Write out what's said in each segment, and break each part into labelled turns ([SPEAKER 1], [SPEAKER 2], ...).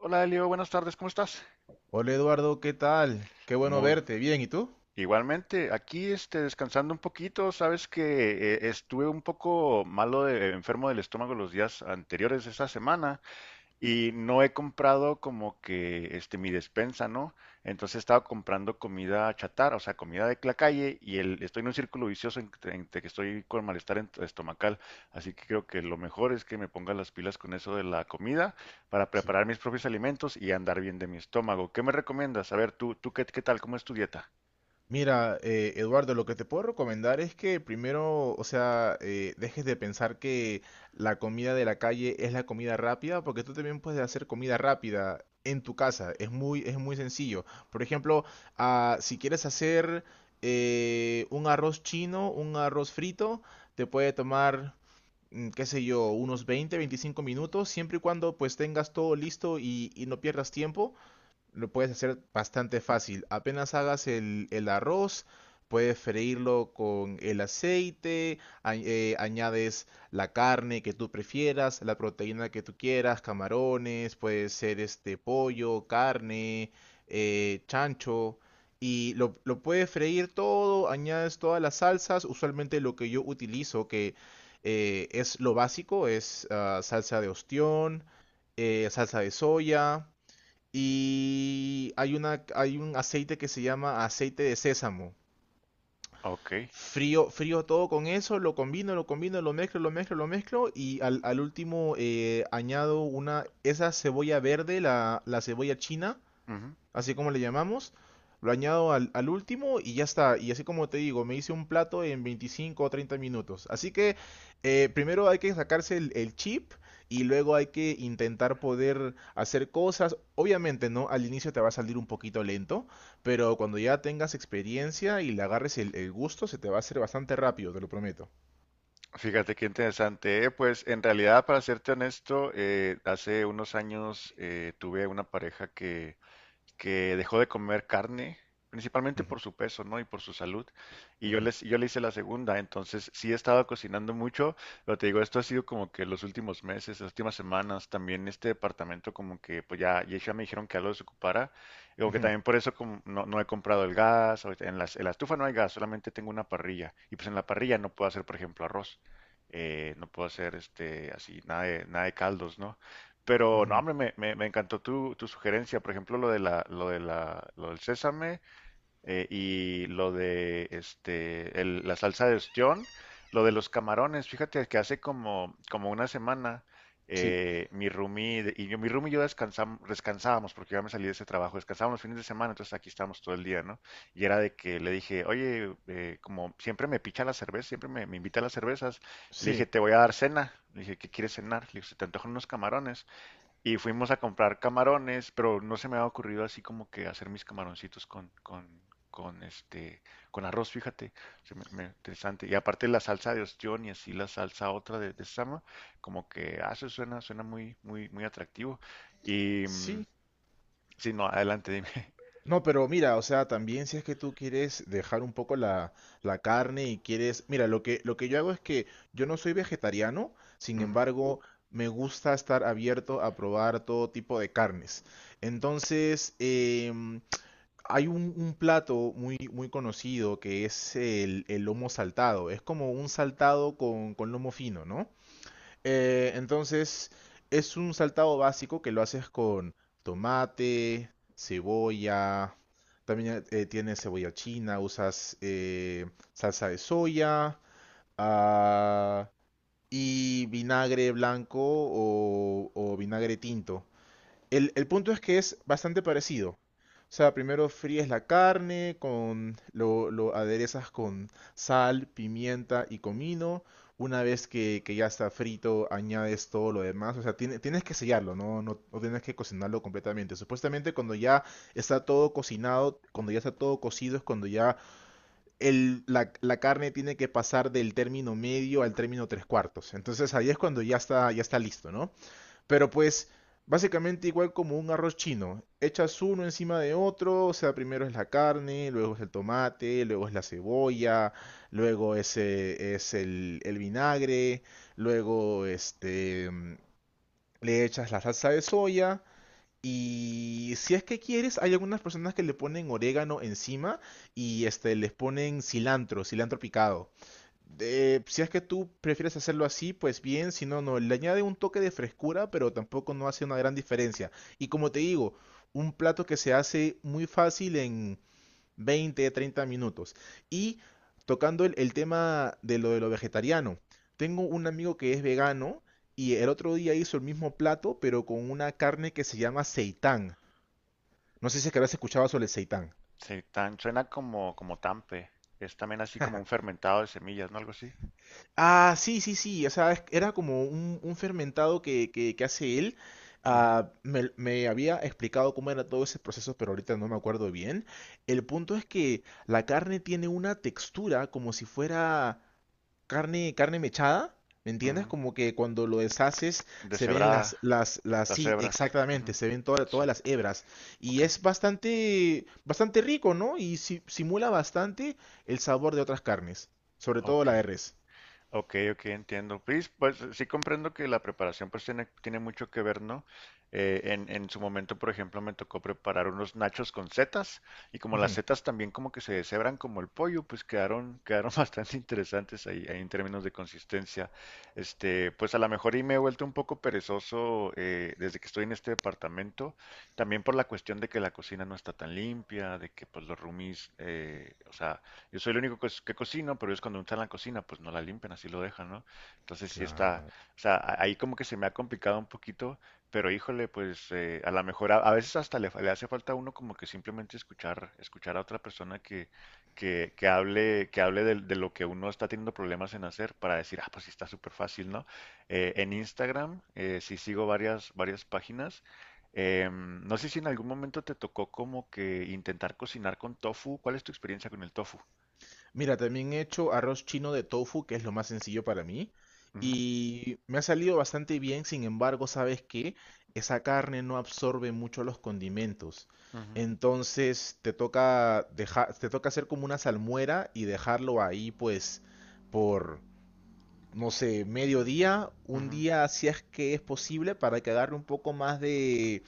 [SPEAKER 1] Hola Elio, buenas tardes, ¿cómo estás?
[SPEAKER 2] Hola Eduardo, ¿qué tal? Qué bueno
[SPEAKER 1] Muy.
[SPEAKER 2] verte. Bien, ¿y tú?
[SPEAKER 1] Igualmente, aquí descansando un poquito. Sabes que estuve un poco malo, de enfermo del estómago los días anteriores de esta semana, y no he comprado como que este mi despensa, ¿no? Entonces he estado comprando comida chatarra, o sea, comida de la calle, y estoy en un círculo vicioso entre que estoy con malestar estomacal. Así que creo que lo mejor es que me ponga las pilas con eso de la comida para
[SPEAKER 2] Sí.
[SPEAKER 1] preparar mis propios alimentos y andar bien de mi estómago. ¿Qué me recomiendas? A ver, qué tal, ¿cómo es tu dieta?
[SPEAKER 2] Mira, Eduardo, lo que te puedo recomendar es que primero, o sea, dejes de pensar que la comida de la calle es la comida rápida, porque tú también puedes hacer comida rápida en tu casa. Es muy sencillo. Por ejemplo, si quieres hacer un arroz chino, un arroz frito, te puede tomar, qué sé yo, unos 20, 25 minutos, siempre y cuando pues tengas todo listo y no pierdas tiempo. Lo puedes hacer bastante fácil. Apenas hagas el arroz, puedes freírlo con el aceite, añades la carne que tú prefieras, la proteína que tú quieras, camarones, puede ser este pollo, carne, chancho. Y lo puedes freír todo, añades todas las salsas. Usualmente lo que yo utilizo, que es lo básico, es salsa de ostión, salsa de soya. Y hay un aceite que se llama aceite de sésamo.
[SPEAKER 1] Ok.
[SPEAKER 2] Frío todo con eso, lo combino, lo mezclo y al último añado una, esa cebolla verde, la cebolla china,
[SPEAKER 1] Ujú.
[SPEAKER 2] así como le llamamos. Lo añado al último y ya está. Y así como te digo, me hice un plato en 25 o 30 minutos. Así que primero hay que sacarse el chip y luego hay que intentar poder hacer cosas. Obviamente, ¿no? Al inicio te va a salir un poquito lento, pero cuando ya tengas experiencia y le agarres el gusto, se te va a hacer bastante rápido, te lo prometo.
[SPEAKER 1] Fíjate qué interesante. Pues en realidad, para serte honesto, hace unos años tuve una pareja que dejó de comer carne, principalmente
[SPEAKER 2] Ujú,
[SPEAKER 1] por su peso, ¿no? Y por su salud.
[SPEAKER 2] ujú,
[SPEAKER 1] Yo le hice la segunda, entonces sí he estado cocinando mucho, pero te digo, esto ha sido como que los últimos meses, las últimas semanas. También este departamento como que, pues ya me dijeron que ya lo desocupara. Digo que
[SPEAKER 2] ujú,
[SPEAKER 1] también por eso como no he comprado el gas. Ahorita en en la estufa no hay gas, solamente tengo una parrilla, y pues en la parrilla no puedo hacer, por ejemplo, arroz. No puedo hacer así nada de, nada de caldos, ¿no? Pero no,
[SPEAKER 2] ujú.
[SPEAKER 1] hombre, me encantó tu sugerencia, por ejemplo, lo del sésame, y lo de la salsa de ostión, lo de los camarones. Fíjate que hace como una semana
[SPEAKER 2] Sí,
[SPEAKER 1] mi roomie de- y yo, mi roomie y yo descansábamos porque yo ya me salí de ese trabajo. Descansábamos los fines de semana, entonces aquí estábamos todo el día, ¿no? Y era de que le dije, oye, como siempre me picha la cerveza, siempre me invita a las cervezas, le dije,
[SPEAKER 2] sí,
[SPEAKER 1] te voy a dar cena. Le dije, ¿qué quieres cenar? Le dije, se te antojan unos camarones. Y fuimos a comprar camarones, pero no se me había ocurrido así como que hacer mis camaroncitos con este, con arroz, fíjate. Interesante. Y aparte la salsa de ostión y así la salsa otra de sama. Como que, ah, eso suena, suena muy atractivo. Y, mm,
[SPEAKER 2] sí.
[SPEAKER 1] sí, no, adelante, dime.
[SPEAKER 2] No, pero mira, o sea, también si es que tú quieres dejar un poco la carne y quieres... Mira, lo que yo hago es que yo no soy vegetariano, sin
[SPEAKER 1] Ujú.
[SPEAKER 2] embargo, me gusta estar abierto a probar todo tipo de carnes. Entonces, hay un plato muy, muy conocido que es el lomo saltado. Es como un saltado con lomo fino, ¿no? Entonces, es un saltado básico que lo haces con tomate, cebolla, también tiene cebolla china, usas salsa de soya ah, y vinagre blanco o vinagre tinto. El punto es que es bastante parecido. O sea, primero fríes la carne, con, lo aderezas con sal, pimienta y comino. Una vez que ya está frito, añades todo lo demás. O sea, tienes que sellarlo, ¿no? No, no tienes que cocinarlo completamente. Supuestamente cuando ya está todo cocinado, cuando ya está todo cocido, es cuando ya la carne tiene que pasar del término medio al término tres cuartos. Entonces ahí es cuando ya está listo, ¿no? Pero pues, básicamente igual como un arroz chino. Echas uno encima de otro, o sea, primero es la carne, luego es el tomate, luego es la cebolla, luego es el vinagre, luego este, le echas la salsa de soya. Y si es que quieres, hay algunas personas que le ponen orégano encima y este, les ponen cilantro, cilantro picado si es que tú prefieres hacerlo así, pues bien, si no, no, le añade un toque de frescura, pero tampoco no hace una gran diferencia. Y como te digo, un plato que se hace muy fácil en 20, 30 minutos. Y tocando el tema de lo vegetariano, tengo un amigo que es vegano y el otro día hizo el mismo plato, pero con una carne que se llama seitán. No sé si es que habrás escuchado sobre el seitán.
[SPEAKER 1] Sí, tan, suena como, como tampe. Es también así como un fermentado de semillas, ¿no? Algo así.
[SPEAKER 2] Ah, sí, sí, sí. O sea, era como un fermentado que hace él.
[SPEAKER 1] Ujú,
[SPEAKER 2] Ah, me había explicado cómo era todo ese proceso, pero ahorita no me acuerdo bien. El punto es que la carne tiene una textura como si fuera carne mechada. ¿Me
[SPEAKER 1] ujú.
[SPEAKER 2] entiendes? Como que cuando lo deshaces se ven
[SPEAKER 1] Deshebrada, las
[SPEAKER 2] sí,
[SPEAKER 1] hebras.
[SPEAKER 2] exactamente,
[SPEAKER 1] Ujú.
[SPEAKER 2] se ven todas
[SPEAKER 1] Sí,
[SPEAKER 2] las hebras. Y
[SPEAKER 1] ok,
[SPEAKER 2] es bastante, bastante rico, ¿no? Y simula bastante el sabor de otras carnes, sobre todo
[SPEAKER 1] ok.
[SPEAKER 2] la de res.
[SPEAKER 1] Ok, ok, entiendo. Pues, pues sí comprendo que la preparación pues tiene, tiene mucho que ver, ¿no? En su momento, por ejemplo, me tocó preparar unos nachos con setas, y como las setas también como que se deshebran como el pollo, pues quedaron, quedaron bastante interesantes ahí, ahí en términos de consistencia. Pues a lo mejor y me he vuelto un poco perezoso, desde que estoy en este departamento, también por la cuestión de que la cocina no está tan limpia, de que pues los roomies, o sea, yo soy el único que cocino, pero ellos cuando no están en la cocina, pues no la limpian, así lo dejan, ¿no? Entonces sí está,
[SPEAKER 2] Claro.
[SPEAKER 1] o sea, ahí como que se me ha complicado un poquito, pero híjole. Pues a lo mejor a veces hasta le hace falta a uno como que simplemente escuchar, escuchar a otra persona que hable de lo que uno está teniendo problemas en hacer, para decir, ah, pues sí está súper fácil, ¿no? En Instagram sí sigo varias, varias páginas. No sé si en algún momento te tocó como que intentar cocinar con tofu. ¿Cuál es tu experiencia con el tofu?
[SPEAKER 2] Mira, también he hecho arroz chino de tofu, que es lo más sencillo para mí,
[SPEAKER 1] Ujú,
[SPEAKER 2] y me ha salido bastante bien, sin embargo, ¿sabes qué? Esa carne no absorbe mucho los condimentos.
[SPEAKER 1] ujú,
[SPEAKER 2] Entonces te toca hacer como una salmuera y dejarlo ahí, pues, por, no sé, medio día, un
[SPEAKER 1] ujú,
[SPEAKER 2] día, si es que es posible, para que agarre un poco más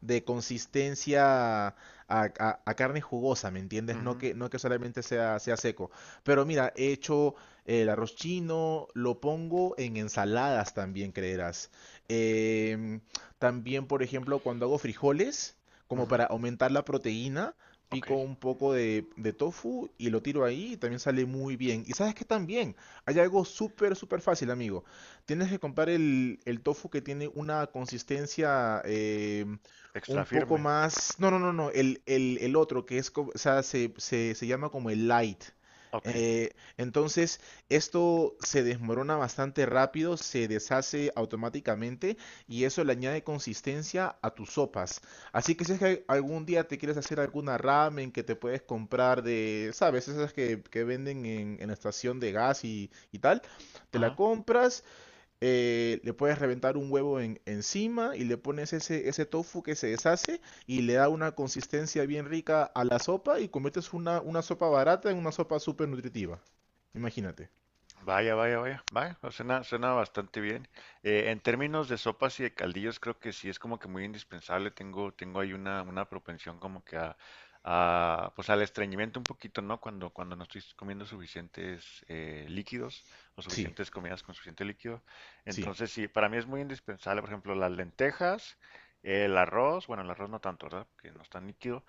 [SPEAKER 2] de consistencia a, a carne jugosa, ¿me entiendes?
[SPEAKER 1] ujú,
[SPEAKER 2] No que solamente sea seco. Pero mira, he hecho el arroz chino, lo pongo en ensaladas también, creerás. Em, también, por ejemplo, cuando hago frijoles, como
[SPEAKER 1] ujú.
[SPEAKER 2] para aumentar la proteína,
[SPEAKER 1] Ok.
[SPEAKER 2] pico un poco de tofu y lo tiro ahí y también sale muy bien. Y sabes que también hay algo súper, súper fácil, amigo. Tienes que comprar el tofu que tiene una consistencia, un
[SPEAKER 1] Extra
[SPEAKER 2] poco
[SPEAKER 1] firme.
[SPEAKER 2] más. No, no, no, no. El otro, que es, o sea, se llama como el light.
[SPEAKER 1] Ok.
[SPEAKER 2] Eh, entonces, esto se desmorona bastante rápido, se deshace automáticamente y eso le añade consistencia a tus sopas. Así que si es que algún día te quieres hacer alguna ramen que te puedes comprar de, ¿sabes? Esas que venden en la estación de gas y tal, te la
[SPEAKER 1] Ajá.
[SPEAKER 2] compras le puedes reventar un huevo encima y le pones ese, ese tofu que se deshace y le da una consistencia bien rica a la sopa y conviertes una sopa barata en una sopa súper nutritiva. Imagínate.
[SPEAKER 1] Vaya, vaya, vaya. Vaya. O Suena, suena bastante bien. En términos de sopas y de caldillos, creo que sí es como que muy indispensable. Tengo, tengo ahí una propensión como que pues al estreñimiento un poquito, ¿no? Cuando, cuando no estoy comiendo suficientes líquidos o
[SPEAKER 2] Sí,
[SPEAKER 1] suficientes comidas con suficiente líquido.
[SPEAKER 2] sí,
[SPEAKER 1] Entonces, sí, para mí es muy indispensable, por ejemplo, las lentejas, el arroz. Bueno, el arroz no tanto, ¿verdad? Que no es tan líquido.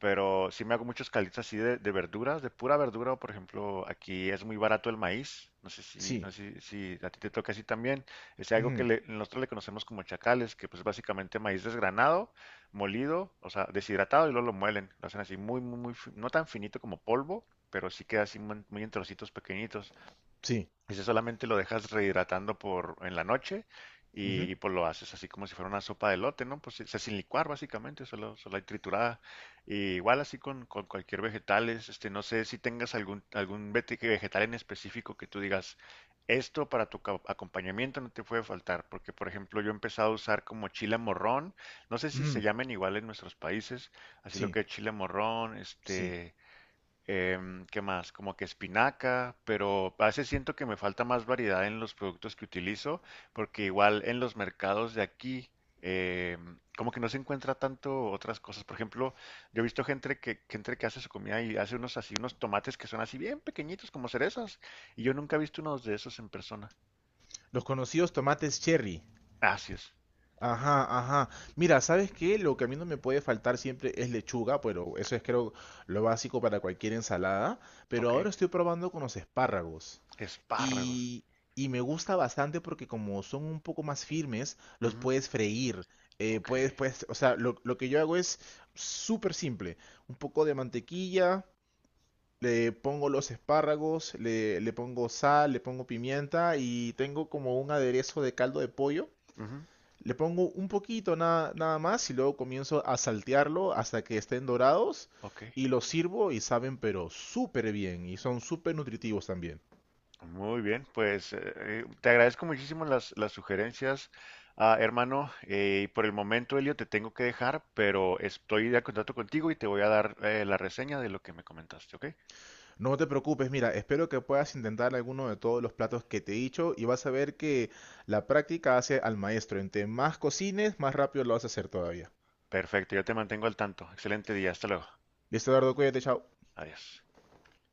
[SPEAKER 1] Pero sí me hago muchos calitos así de verduras, de pura verdura. Por ejemplo, aquí es muy barato el maíz. No sé si, no
[SPEAKER 2] sí,
[SPEAKER 1] sé si a ti te toca así también. Es algo que
[SPEAKER 2] ujú,
[SPEAKER 1] nosotros le conocemos como chacales, que pues básicamente maíz desgranado, molido, o sea, deshidratado y luego lo muelen. Lo hacen así muy, muy, muy, no tan finito como polvo, pero sí queda así muy muy en trocitos pequeñitos.
[SPEAKER 2] sí,
[SPEAKER 1] Ese solamente lo dejas rehidratando por en la noche
[SPEAKER 2] ujú,
[SPEAKER 1] pues lo haces así como si fuera una sopa de elote, ¿no? Pues o sea, sin licuar básicamente, solo, solo hay triturada. Y igual así con cualquier vegetal. Es, no sé si tengas algún, algún vegetal en específico que tú digas, esto para tu acompañamiento no te puede faltar, porque por ejemplo yo he empezado a usar como chile morrón, no sé si se
[SPEAKER 2] ujú,
[SPEAKER 1] llamen igual en nuestros países, así lo
[SPEAKER 2] sí,
[SPEAKER 1] que es chile morrón,
[SPEAKER 2] sí.
[SPEAKER 1] este... ¿Qué más? Como que espinaca, pero a veces siento que me falta más variedad en los productos que utilizo, porque igual en los mercados de aquí, como que no se encuentra tanto otras cosas. Por ejemplo, yo he visto gente gente que hace su comida y hace unos así, unos tomates que son así bien pequeñitos, como cerezas, y yo nunca he visto unos de esos en persona.
[SPEAKER 2] Los conocidos tomates cherry.
[SPEAKER 1] Así es.
[SPEAKER 2] Ajá, ajá. Mira, ¿sabes qué? Lo que a mí no me puede faltar siempre es lechuga, pero eso es creo lo básico para cualquier ensalada. Pero
[SPEAKER 1] Ok.
[SPEAKER 2] ahora estoy probando con los espárragos.
[SPEAKER 1] Espárragos.
[SPEAKER 2] Y, y me gusta bastante porque como son un poco más firmes, los
[SPEAKER 1] Ujú.
[SPEAKER 2] puedes freír.
[SPEAKER 1] Ok.
[SPEAKER 2] Puedes, puedes, o sea, lo que yo hago es súper simple. Un poco de mantequilla, le pongo los espárragos, le pongo sal, le pongo pimienta y tengo como un aderezo de caldo de pollo.
[SPEAKER 1] Ujú.
[SPEAKER 2] Le pongo un poquito nada más y luego comienzo a saltearlo hasta que estén dorados
[SPEAKER 1] Ok.
[SPEAKER 2] y los sirvo y saben pero súper bien y son súper nutritivos también.
[SPEAKER 1] Muy bien, pues te agradezco muchísimo las sugerencias, ah, hermano. Y por el momento, Elio, te tengo que dejar, pero estoy de contacto contigo y te voy a dar la reseña de lo que me comentaste, ¿ok?
[SPEAKER 2] No te preocupes, mira, espero que puedas intentar alguno de todos los platos que te he dicho y vas a ver que la práctica hace al maestro. Entre más cocines, más rápido lo vas a hacer todavía.
[SPEAKER 1] Perfecto, yo te mantengo al tanto. Excelente día, hasta luego.
[SPEAKER 2] Listo, Eduardo, cuídate, chao.
[SPEAKER 1] Adiós.